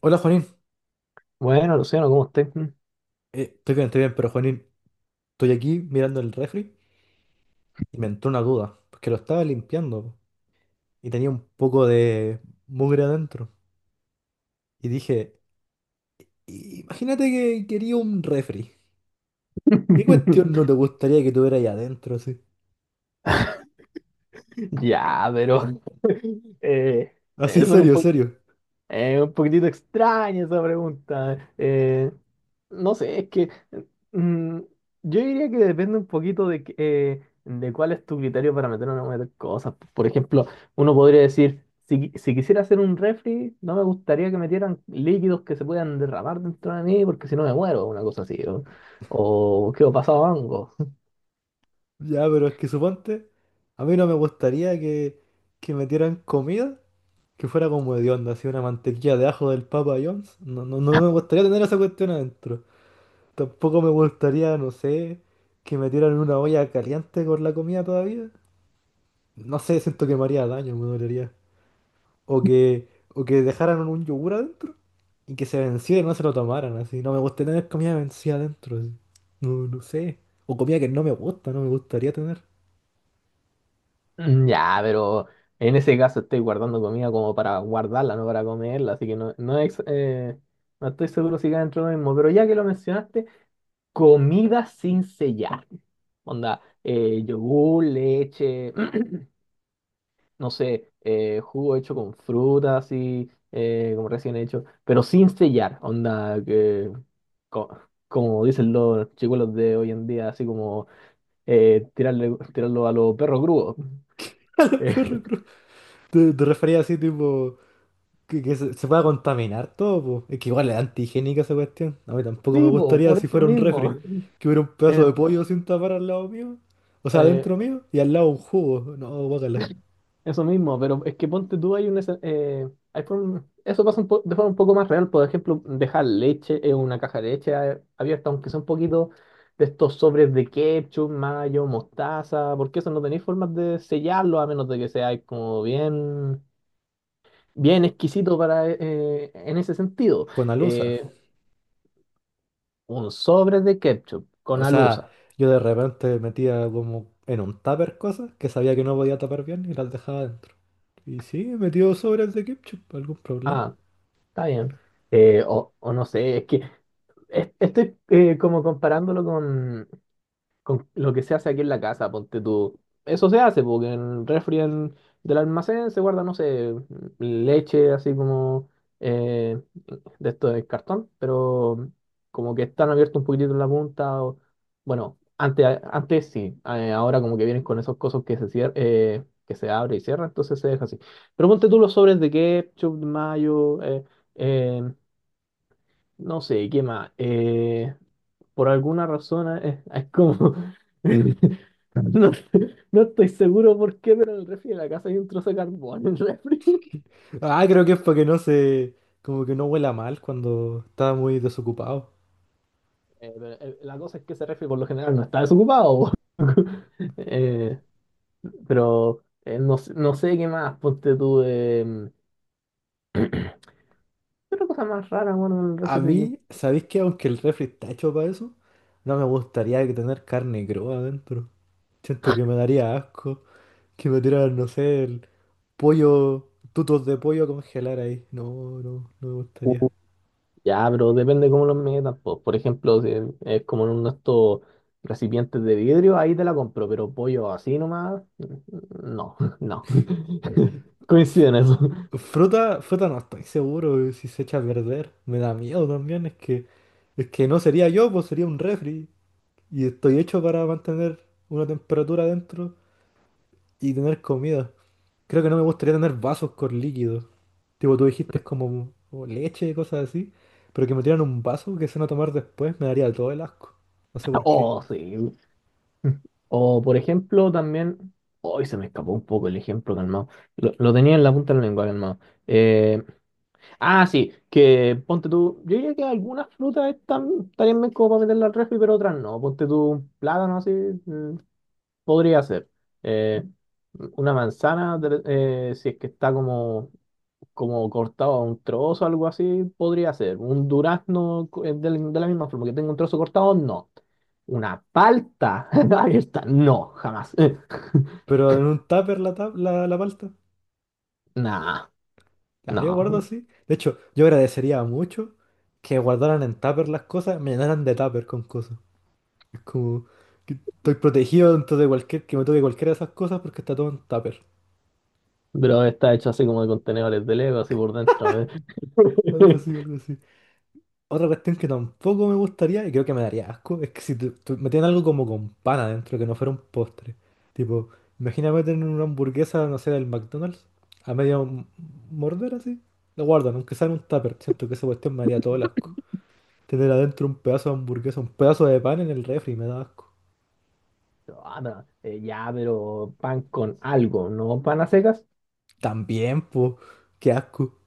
Hola Juanín. Bueno, Luciano, ¿cómo estás? Estoy bien, estoy bien, pero Juanín, estoy aquí mirando el refri y me entró una duda, porque lo estaba limpiando po, y tenía un poco de mugre adentro. Y dije, Imagínate que quería un refri. ¿Qué cuestión no te gustaría que tuviera ahí adentro así? Ya, pero eh, Así, es un, serio, serio. Un poquitito extraña esa pregunta. No sé, es que mm, yo diría que depende un poquito de, de cuál es tu criterio para meter o no meter cosas. Por ejemplo, uno podría decir, si, si quisiera hacer un refri, no me gustaría que metieran líquidos que se puedan derramar dentro de mí porque si no me muero, una cosa así. O quedo pasado a hongos. Ya, pero es que suponte, a mí no me gustaría que metieran comida que fuera como hedionda, así una mantequilla de ajo del Papa John's. No, no, no me gustaría tener esa cuestión adentro. Tampoco me gustaría, no sé, que me tiraran una olla caliente con la comida todavía. No sé, siento que me haría daño, me dolería. O que, o que dejaran un yogur adentro y que se venciera y no se lo tomaran, así. No me gusta tener comida vencida adentro, así. No, no sé. O comida que no me gusta, no me gustaría tener. Mm, ya, pero en ese caso estoy guardando comida como para guardarla, no para comerla, así que no, no estoy seguro si cae dentro de lo mismo. Pero ya que lo mencionaste, comida sin sellar. Onda, yogur, leche, no sé, jugo hecho con fruta, así como recién hecho, pero sin sellar. Onda, que, co- como dicen los chicuelos de hoy en día, así como tirarlo a los perros grúos. Perro cruz. Te refería así, tipo, se pueda contaminar todo, po. Es que igual es antigénica esa cuestión. A mí tampoco me Sí, po, gustaría por si eso fuera un mismo. refri, que hubiera un pedazo Eh, de pollo sin tapar al lado mío, o sea, eh, adentro mío, y al lado un jugo, no, guácala, eso mismo, pero es que ponte tú, hay hay eso pasa un de forma un poco más real. Por ejemplo, dejar leche en una caja de leche abierta, aunque sea un poquito de estos sobres de ketchup, mayo, mostaza, porque eso no tenéis formas de sellarlo a menos de que sea como bien, bien exquisito para, en ese sentido. con alusa. Eh, un sobre de ketchup O con sea, alusa. yo de repente metía como en un tupper cosas que sabía que no podía tapar bien y las dejaba adentro. Y sí, he metido sobras de ketchup, algún problema. Ah, está bien. O, o no sé, es que estoy como comparándolo con lo que se hace aquí en la casa, ponte tú. Eso se hace, porque en el del almacén se guarda, no sé, leche así como eh, de esto de cartón, pero como que están abiertos un poquitito en la punta. Bueno, antes, antes sí, ahora como que vienen con esos cosos que se que se abre y cierra, entonces se deja así. Pero ponte tú los sobres de ketchup, de mayo. Eh, no sé, ¿qué más? Por alguna razón es, como... no, no estoy seguro por qué, pero en el refri de la casa hay un trozo de carbón en el refri. Ah, creo que es porque no se, como que no huela mal cuando está muy desocupado. La cosa es que ese refri por lo general no está desocupado. Po. Eh, no, no sé qué más, ponte tú. ¿Qué otra cosa más rara, bueno, en el A refri? mí, ¿sabéis que aunque el refri está hecho para eso, no me gustaría que tener carne cruda adentro? Siento que me daría asco, que me tiraran, no sé, el pollo, tutos de pollo a congelar ahí. No, no, no me gustaría. Ya, pero depende cómo los metas. Po. Por ejemplo, si es como en uno de estos recipientes de vidrio, ahí te la compro, pero pollo así nomás, no, no. Coincide en eso. Fruta, fruta no estoy seguro si se echa a perder. Me da miedo también, es que no sería yo, pues sería un refri. Y estoy hecho para mantener una temperatura adentro y tener comida. Creo que no me gustaría tener vasos con líquidos. Tipo, tú dijiste es como leche, y cosas así. Pero que me tiran un vaso que se van a tomar después me daría todo el asco. No sé por qué. Oh, sí. O, por ejemplo, también. Hoy se me escapó un poco el ejemplo, calmado. Lo tenía en la punta de la lengua, calmado. Eh, ah, sí, que ponte tú. Yo diría que algunas frutas estarían bien como para meterlas al refri, pero otras no. Ponte tú un plátano así. Podría ser. eh, una manzana, si es que está como, como cortado a un trozo, algo así, podría ser. Un durazno de, la misma forma que tengo un trozo cortado, no. Una palta abierta, no, jamás. Pero en un tupper la palta. Nah, Ya, yo guardo no. así. De hecho, yo agradecería mucho que guardaran en tupper las cosas, me llenaran de tupper con cosas. Es como que estoy protegido dentro de cualquier, que me toque cualquiera de esas cosas porque está todo en tupper. Pero está hecho así como de contenedores de Lego, así por dentro. Algo así, algo así. Otra cuestión que tampoco me gustaría y creo que me daría asco es que si metían algo como con pan adentro, que no fuera un postre. Tipo, imagínate tener una hamburguesa, no sé, del McDonald's, a morder así. Lo guardan, aunque sea en un tupper. Siento que esa cuestión me haría todo el asco. Tener adentro un pedazo de hamburguesa, un pedazo de pan en el refri, me da asco. Ah, no, ya, pero pan con algo, no pan a secas. También, pues, qué asco.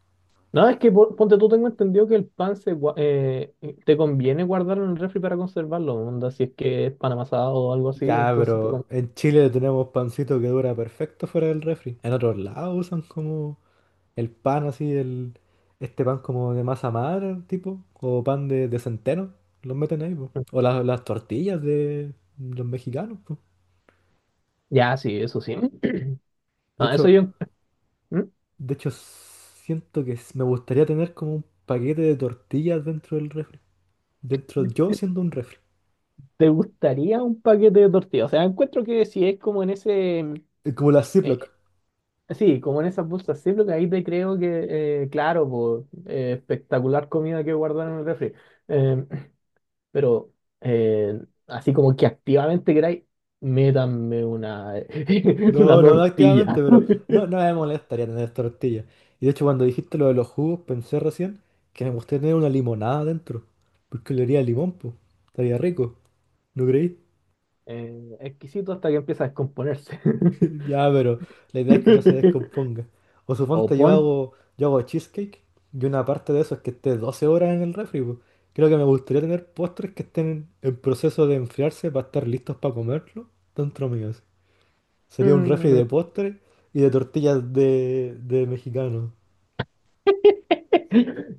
No, es que ponte tú, tengo entendido que el pan se, te conviene guardarlo en el refri para conservarlo, onda, si es que es pan amasado o algo así, Ya, entonces pero en Chile tenemos pancito que dura perfecto fuera del refri. En otros lados usan como el pan así, este pan como de masa madre, tipo, o pan de centeno, los meten ahí, po. O las tortillas de los mexicanos, po. ya, sí, eso sí. De No, eso hecho, yo... ¿Mm? de hecho, siento que me gustaría tener como un paquete de tortillas dentro del refri. Dentro yo siendo un refri. ¿Te gustaría un paquete de tortillas? O sea, encuentro que si es como en ese... Como las eh, Ziploc. sí, como en esas bolsas sí, ziploc, ahí te creo que, claro, po, espectacular comida que guardar en el refri. Eh, pero eh, Así como que activamente queráis, métanme una, una No, no, no activamente, tortilla. pero no, no me molestaría tener tortillas. Y de hecho, cuando dijiste lo de los jugos, pensé recién que me gustaría tener una limonada dentro. Porque le haría limón, pues. Estaría rico. ¿No creí? Exquisito hasta que empieza a descomponerse. Ya, pero la idea es que no se descomponga. O O suponte pon... yo hago cheesecake y una parte de eso es que esté 12 horas en el refri, po. Creo que me gustaría tener postres que estén en proceso de enfriarse para estar listos para comerlo dentro mío, así. Sería un refri mm, de postres y de tortillas de mexicano.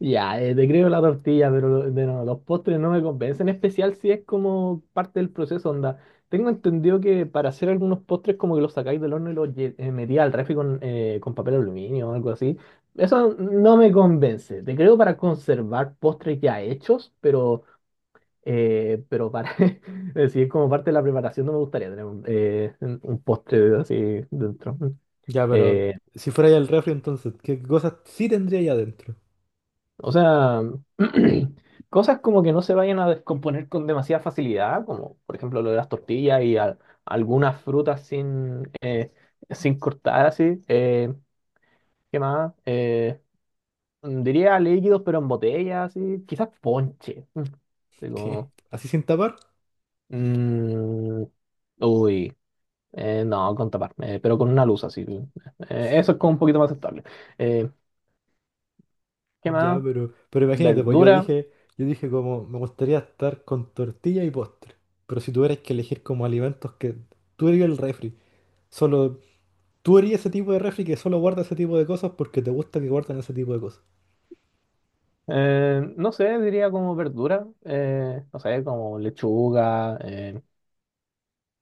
ya, te creo la tortilla, pero lo- de no, los postres no me convencen, en especial si es como parte del proceso, onda. Tengo entendido que para hacer algunos postres como que los sacáis del horno y los metí al refri con papel aluminio o algo así. Eso no me convence. Te creo para conservar postres ya hechos, pero para decir como parte de la preparación no me gustaría tener un postre así dentro. Ya, pero Eh, si fuera ya el refri entonces, ¿qué cosas sí tendría ahí adentro? O sea, cosas como que no se vayan a descomponer con demasiada facilidad, como por ejemplo lo de las tortillas y algunas frutas sin, sin cortar así. ¿Qué más? Diría líquidos pero en botella, así. Quizás ponche. Así ¿Qué? como, ¿Así sin tapar? mm, uy, no, con tapar, pero con una luz así. Eso es como un poquito más aceptable. Eh, ¿Qué Ya, más? Pero imagínate, pues Verdura yo dije como, me gustaría estar con tortilla y postre. Pero si tuvieras que elegir como alimentos que tú eres el refri, solo tú eres ese tipo de refri que solo guarda ese tipo de cosas porque te gusta que guardan ese tipo de cosas. No sé, diría como verdura, no sé, como lechuga,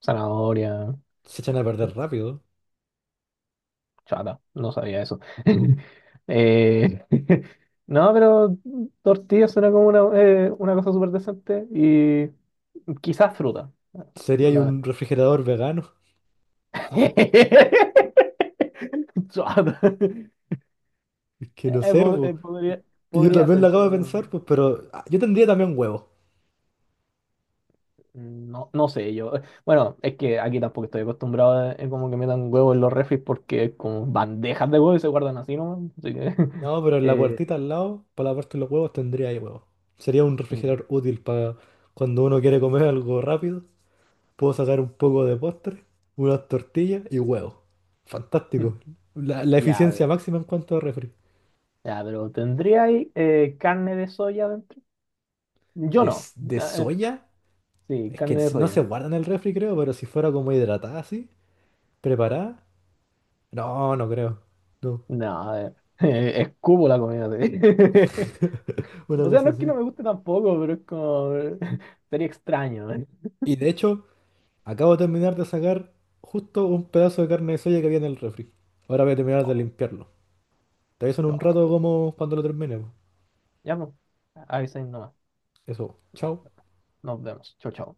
zanahoria, Se echan a perder rápido. chata, no sabía eso. Eh, no, pero tortilla suena como una cosa súper decente y quizás fruta. Sería ahí La- un refrigerador vegano. Chata. Es que no Eh, sé, po- pues. eh, podría, Y yo podría también lo ser, acabo de pero pensar, pues, pero ah, yo tendría también huevos. no, no sé, yo. Bueno, es que aquí tampoco estoy acostumbrado a como que metan huevos en los refris porque es como bandejas de huevos y se guardan así nomás. Así que. No, pero en la eh, puertita al lado, para la parte de los huevos, tendría ahí huevos. Sería un mm, refrigerador útil para cuando uno quiere comer algo rápido. Puedo sacar un poco de postre, unas tortillas y huevos. mm. Fantástico. La Ya, a ver, eficiencia máxima en cuanto a refri. ya, pero ¿tendría ahí carne de soya dentro? Yo De, no. De soya, Sí, es que carne de no se soya. guarda en el refri, creo, pero si fuera como hidratada así, preparada, no, no creo. No, No, a ver. Escupo la comida así. una O sea, no cosa es que así. no me guste tampoco, pero es como. Sería extraño. ¿Eh? Y de hecho, acabo de terminar de sacar justo un pedazo de carne de soya que había en el refri. Ahora voy a terminar de Chao, limpiarlo. Te aviso en un rato chao. como cuando lo termine, po. Ya, pues. Ahí se nomás. Eso, chao. Nos vemos. Chao, chao.